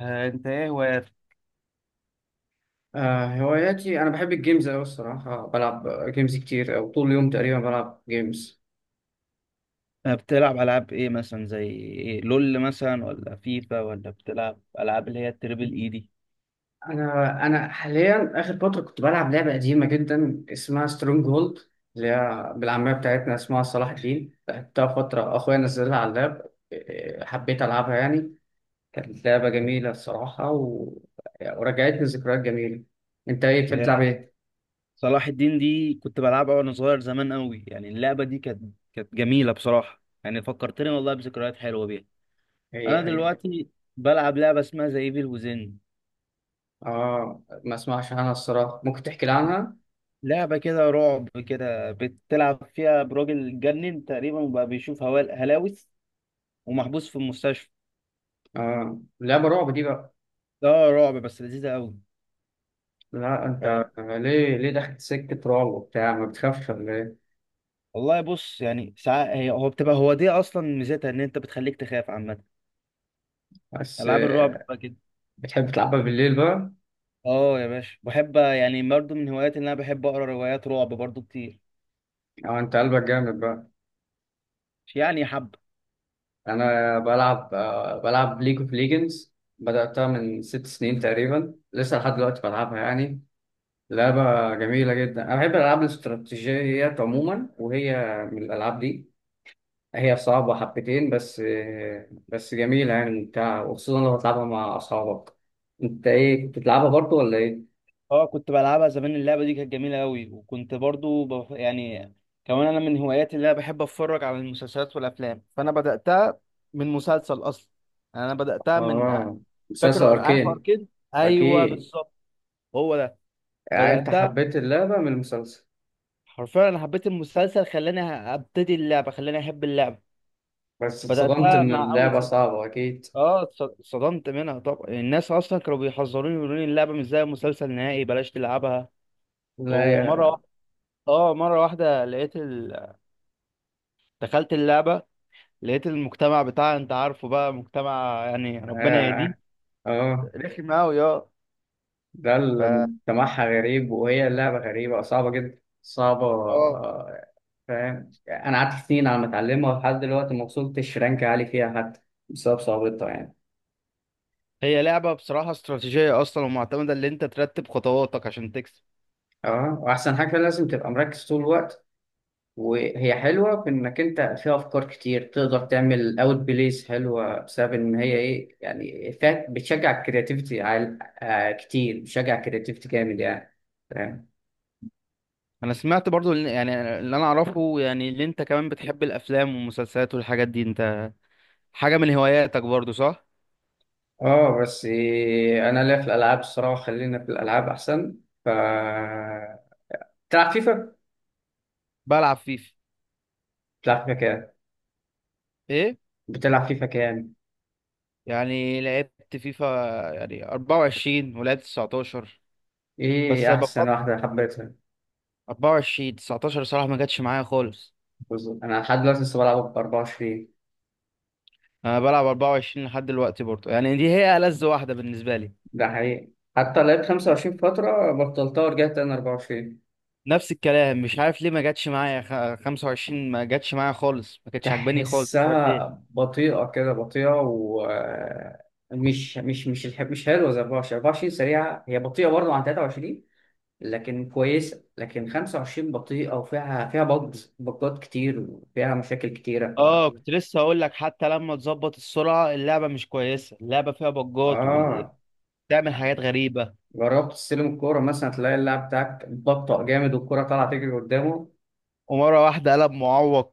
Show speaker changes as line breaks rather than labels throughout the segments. آه، انت ايه هواياتك؟
آه، هواياتي أنا بحب الجيمز أوي الصراحة، بلعب جيمز كتير أو طول اليوم تقريبا بلعب جيمز.
بتلعب ألعاب إيه مثلا زي إيه؟ لول، مثلا ولا فيفا، ولا بتلعب ألعاب اللي هي التريبل إي دي؟
أنا حاليا آخر فترة كنت بلعب لعبة قديمة جدا اسمها سترونج هولد، اللي هي بالعامية بتاعتنا اسمها صلاح الدين، لعبتها فترة أخويا نزلها على اللاب. حبيت ألعبها يعني. كانت لعبة جميلة الصراحة ورجعتني ذكريات جميلة. أنت إيه بتحب تلعب
هي
إيه؟
صلاح الدين دي كنت بلعبها وأنا صغير زمان أوي، يعني اللعبة دي كانت جميلة بصراحة، يعني فكرتني والله بذكريات حلوة بيها. أنا
إيه؟
دلوقتي بلعب لعبة اسمها زي ايفل وزن.
آه، ما أسمعش عنها الصراحة، ممكن تحكي لي عنها؟
لعبة كده رعب، كده بتلعب فيها براجل اتجنن تقريبا وبقى بيشوف هلاوس ومحبوس في المستشفى.
آه، لعبة رعب دي بقى.
ده رعب بس لذيذة أوي.
لا، انت
آه،
ليه دخلت سكة رعب وبتاع، ما بتخافش ولا ايه؟
والله بص، يعني ساعات هي، هو بتبقى، هو دي اصلا ميزتها ان انت بتخليك تخاف عامه.
بس
العاب الرعب بتبقى كده.
بتحب تلعبها بالليل بقى؟
اه يا باشا، بحب يعني برضه. من هواياتي ان انا بحب اقرا روايات رعب برضه كتير.
او انت قلبك جامد بقى.
مش يعني حب.
انا بلعب ليج اوف ليجندز، بدأتها من 6 سنين تقريبا لسه لحد دلوقتي بلعبها يعني. لعبة جميلة جدا، انا بحب الالعاب الاستراتيجيات عموما وهي من الالعاب دي. هي صعبة حبتين بس جميلة يعني ممتعة، وخصوصا لو بتلعبها مع اصحابك. انت ايه كنت بتلعبها برضو ولا ايه؟
اه كنت بلعبها زمان، اللعبه دي كانت جميله قوي، وكنت برضه يعني. كمان انا من هواياتي اللي انا بحب اتفرج على المسلسلات والافلام، فانا بداتها من مسلسل اصلا. يعني انا بداتها من.
اه، مسلسل
فاكر، عارف
اركين؟
اركين؟ ايوه
اكيد.
بالظبط. هو ده.
يعني انت
بداتها،
حبيت اللعبه من المسلسل؟
حرفيا انا حبيت المسلسل خلاني ابتدي اللعبه، خلاني احب اللعبه.
بس اتصدمت
بداتها
ان
مع اول
اللعبه
سيزون.
صعبه اكيد.
اه اتصدمت منها طبعا، الناس اصلا كانوا بيحذروني يقولوا لي اللعبه مش زي المسلسل نهائي بلاش تلعبها.
لا
ومره
يا.
واحده، اه مره واحده لقيت دخلت اللعبه. لقيت المجتمع بتاعها، انت عارفه بقى، مجتمع يعني ربنا يهديه.
اه. اه. آه.
رخم قوي اه.
ده اللي
ف
مجتمعها غريب، وهي اللعبه غريبه صعبه جدا، صعبه
اه
فاهم. يعني انا قعدت سنين على ما اتعلمها ولحد دلوقتي ما وصلتش رانك عالي فيها حتى، بسبب صعوبتها يعني.
هي لعبه بصراحه استراتيجيه اصلا، ومعتمده ان انت ترتب خطواتك عشان تكسب.
اه، واحسن حاجه لازم تبقى مركز طول الوقت. وهي حلوة في إنك أنت فيها أفكار كتير تقدر تعمل أوت بليز، حلوة بسبب إن هي إيه يعني، فيها بتشجع الكرياتيفيتي كتير، بتشجع الكرياتيفيتي جامد يعني. فاهم.
انا سمعت برضو يعني اللي انا اعرفه، يعني اللي انت كمان بتحب الافلام والمسلسلات والحاجات دي، انت حاجه من هواياتك برضو صح؟
آه، بس إيه، أنا ليا في الألعاب الصراحة، خلينا في الألعاب أحسن. ف بتلعب فيفا؟
بلعب فيفا.
بتلعب فيفا كام؟
ايه.
بتلعب فيفا كام؟
يعني لعبت فيفا يعني 24، ولعبت 19. بس
إيه
أنا
أحسن
بفضل
واحدة حبيتها؟
24. 19 صراحه ما جاتش معايا خالص.
بالظبط، أنا لحد دلوقتي لسه بلعب ب 24.
انا بلعب 24 لحد دلوقتي برضو، يعني دي هي ألذ واحده بالنسبه لي.
ده حقيقي، حتى لعبت 25 فترة بطلتها ورجعت أنا 24.
نفس الكلام، مش عارف ليه ما جاتش معايا 25 ما جاتش معايا خالص، ما كانتش عاجباني خالص مش عارف.
تحسها بطيئة كده بطيئة، ومش مش مش مش الح- مش حلوة زي 24. 24 سريعة، هي بطيئة برضه عن 23 لكن كويسة، لكن 25 بطيئة وفيها بجات كتير وفيها مشاكل كتيرة
اه كنت لسه هقول لك، حتى لما تظبط السرعه اللعبه مش كويسه، اللعبه فيها بجات
اه
وبتعمل
يعني.
حاجات غريبه.
جربت تستلم الكورة مثلا تلاقي اللاعب بتاعك بطأ جامد والكورة طالعة تجري قدامه.
ومره واحده قلب معوق،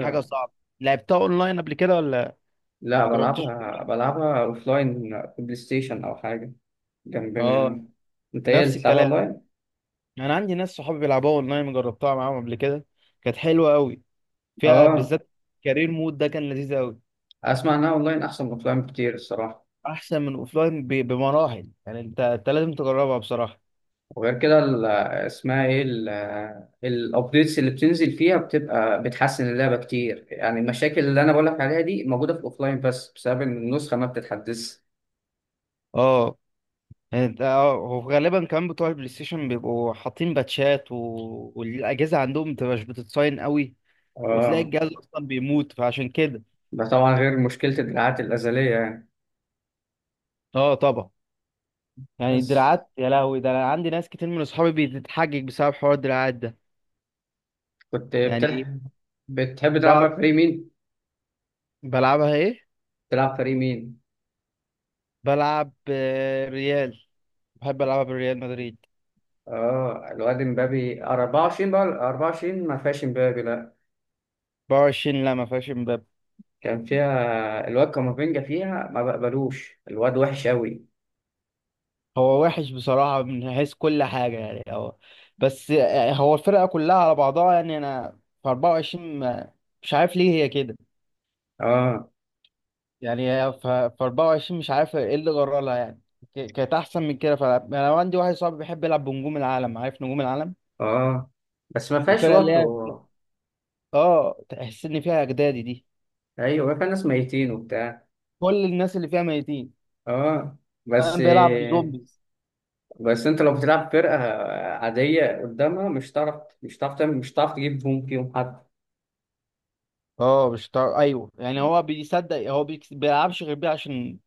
حاجه صعبه. لعبتها اونلاين قبل كده ولا؟
لا،
ما جربتش.
بلعبها أوفلاين في بلاي ستيشن أو حاجة جنبنا
اه
هنا. أنت إيه اللي
نفس
بتلعبها
الكلام.
أونلاين؟
انا عندي ناس صحابي بيلعبوها اونلاين، جربتها معاهم قبل كده. كانت حلوه قوي، فيها
اه،
بالذات كارير مود ده كان لذيذ قوي.
اسمع، انها اونلاين احسن من اوفلاين بكتير الصراحه.
احسن من اوفلاين بمراحل، يعني انت لازم تجربها بصراحه.
وغير كده اسمها ايه الابديتس اللي بتنزل فيها بتبقى بتحسن اللعبه كتير، يعني المشاكل اللي انا بقولك عليها دي موجوده في الاوفلاين بس بسبب ان النسخه ما بتتحدثش.
اه يعني هو غالبا كمان بتوع البلاي ستيشن بيبقوا حاطين باتشات، و... والاجهزه عندهم مبتبقاش بتتصاين قوي، وتلاقي
اه،
الجهاز اصلا بيموت، فعشان كده.
ده طبعا غير مشكله الدراعات الازليه يعني.
اه طبعا. يعني
بس
الدراعات يا لهوي، ده انا عندي ناس كتير من اصحابي بتتحجج بسبب حوار الدراعات ده.
كنت
يعني
بتلعب بتحب تلعب بقى
بعض.
فريق مين؟
بلعبها ايه.
تلعب فريق مين؟
بلعب ريال، بحب العبها بالريال مدريد.
اه، الواد امبابي 24 بقى. 24 ما فيهاش امبابي، لا.
24 لا، ما فيهاش.
كان فيها الواد كامافينجا، فيها ما بقبلوش الواد وحش أوي.
هو وحش بصراحة من حيث كل حاجة، يعني هو. بس يعني هو الفرقة كلها على بعضها، يعني أنا في 24 مش عارف ليه هي كده.
اه.
يعني هي في 24، مش عارف إيه اللي جرى لها يعني. كانت أحسن من كده، فأنا عندي واحد صاحبي بيحب يلعب بنجوم العالم، عارف نجوم العالم؟
اه. بس ما فيهاش
الفرقة اللي
برضه.
هي تحس إن فيها أجدادي دي،
ايوه، فيها ناس ميتين وبتاع.
كل الناس اللي فيها ميتين.
اه. بس،
كان بيلعب بزومبيز.
بس انت لو بتلعب فرقة عادية قدامها مش هتعرف، مش هتعرف تعمل، مش هتعرف تجيب جون فيهم حد.
آه مش طا- أيوه، يعني هو بيصدق، هو بيلعبش غير بيها عشان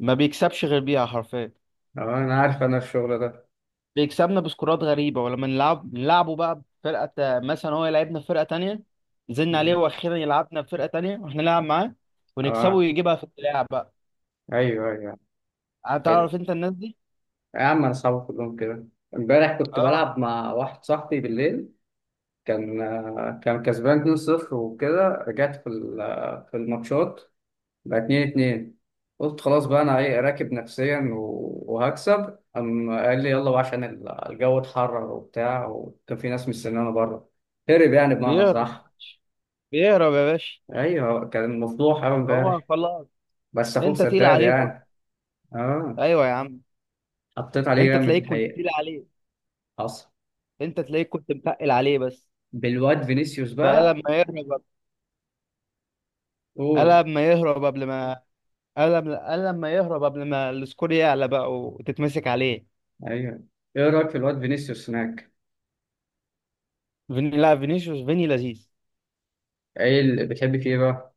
ما بيكسبش غير بيها حرفيا.
اه، انا عارف انا الشغل ده.
بيكسبنا بسكورات غريبة، ولما نلعب نلعبه بقى بفرقة مثلا هو يلعبنا في فرقة تانية. نزلنا عليه واخيرا يلعبنا في فرقة تانية، واحنا نلعب معاه ونكسبه
اه،
ويجيبها في اللعب بقى.
ايوه، ايوه.
هتعرف انت الناس دي.
يا عم انا صعب كلهم كده. امبارح كنت
اه
بلعب مع واحد صاحبي بالليل، كان كان كسبان 2-0، وكده رجعت في الماتشات، بقى 2-2. قلت خلاص بقى انا ايه، راكب نفسيا و- وهكسب، قام قال لي يلا بقى عشان الجو اتحرر وبتاع، وكان في ناس مستنيانا بره. هرب يعني بمعنى
بيهرب يا
صح.
باشا، بيهرب يا باشا.
ايوه، كان مفضوح قوي
هو
امبارح.
خلاص.
بس اخوك
انت تقيل
سداد
عليه برضه.
يعني. اه،
ايوه يا عم.
حطيت عليه
انت
جامد
تلاقيك كنت
الحقيقه.
تقيل عليه،
حصل.
انت تلاقيك كنت متقل عليه بس.
بالواد فينيسيوس
فقال
بقى.
لما يهرب.
قول.
قال لما يهرب قبل ما قال لما يهرب قبل ما السكور يعلى بقى وتتمسك عليه.
ايوه. ايه رايك في الواد فينيسيوس هناك؟
فيني، لا فينيسيوس، فيني لذيذ.
ايه اللي بتحب فيه بقى؟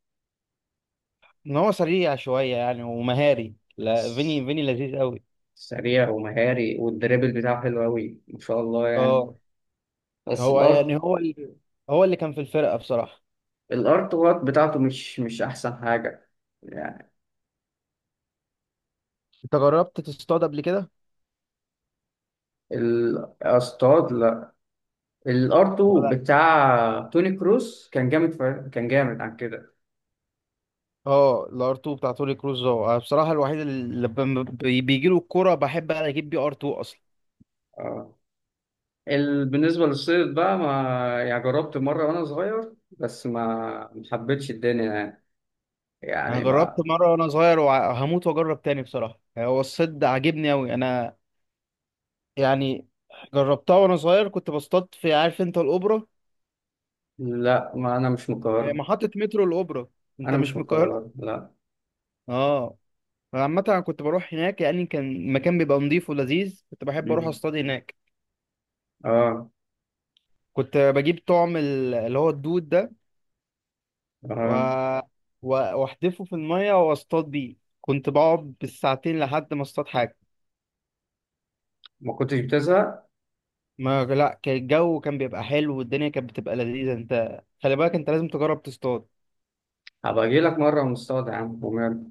ان هو سريع شويه يعني ومهاري، لا فيني، فيني لذيذ قوي.
سريع ومهاري، والدريبل بتاعه حلو أوي ما شاء الله يعني.
اه،
بس
هو يعني، هو اللي كان في الفرقه بصراحه.
الأرض وات بتاعته مش أحسن حاجة يعني.
انت جربت تصطاد قبل كده
الأصطاد لا. الأرض
ولا؟
بتاع توني كروس كان جامد كان جامد عن كده.
اه، الار 2 بتاع توني كروز ده أنا بصراحه الوحيد اللي لما بيجي له الكوره بحب اجيب بيه ار 2 اصلا.
اه، ال... بالنسبة للصيد بقى، ما يعني جربت مرة وأنا صغير بس ما حبيتش الدنيا يعني
انا
يعني
جربت
ما.
مره وانا صغير، وهموت واجرب تاني بصراحه، يعني هو الصد عاجبني قوي انا. يعني جربتها وانا صغير، كنت بصطاد في، عارف انت الاوبرا؟
لا، ما أنا مش من القاهرة.
محطه مترو الاوبرا. انت
أنا مش
مش
من
من القاهره؟
القاهرة، لا.
اه. عامة أنا كنت بروح هناك، يعني كان المكان بيبقى نضيف ولذيذ، كنت بحب أروح
مم.
أصطاد هناك.
اه.
كنت بجيب طعم اللي هو الدود ده، و...
اه،
وأحدفه في المية وأصطاد بيه، كنت بقعد بالساعتين لحد ما أصطاد حاجة.
ما كنتش بتزهق؟
ما لا، كان الجو كان بيبقى حلو، والدنيا كانت بتبقى لذيذة. أنت خلي بالك، أنت لازم تجرب تصطاد.
هبقى اجي لك مره ونصطاد يا عم ومال.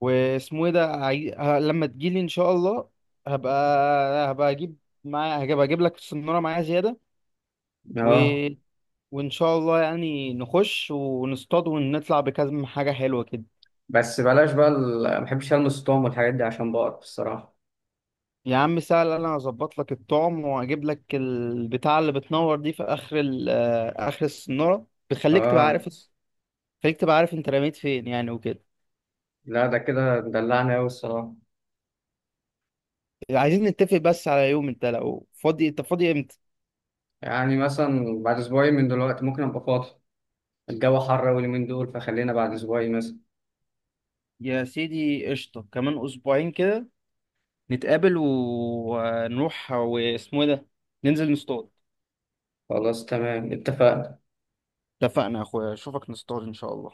واسمه إيه ده، لما تجيلي إن شاء الله. هبقى هبقى أجيب هبقى أجيب لك السنارة معايا زيادة، و...
اه،
وإن شاء الله يعني نخش ونصطاد ونطلع بكذا حاجة حلوة كده.
بس بلاش بقى ما بحبش المس الطعم والحاجات دي عشان بقرف الصراحه.
يا عم سهل، أنا هظبط لك الطعم وأجيب لك البتاعة اللي بتنور دي في آخر ال آه، آخر السنارة، بتخليك تبقى
اه.
عارف. خليك تبقى عارف أنت رميت فين، يعني وكده.
لا، ده كده دلعني قوي الصراحه.
عايزين نتفق بس على يوم، أنت لو فاضي، أنت فاضي إمتى؟
يعني مثلا بعد اسبوعين من دلوقتي ممكن ابقى فاضي. الجو حر أوي اليومين دول فخلينا بعد اسبوعين مثلا.
يا سيدي قشطة، كمان أسبوعين كده. نتقابل ونروح، واسمه إيه ده، ننزل نصطاد.
خلاص تمام، اتفقنا.
اتفقنا يا أخويا، أشوفك نصطاد إن شاء الله.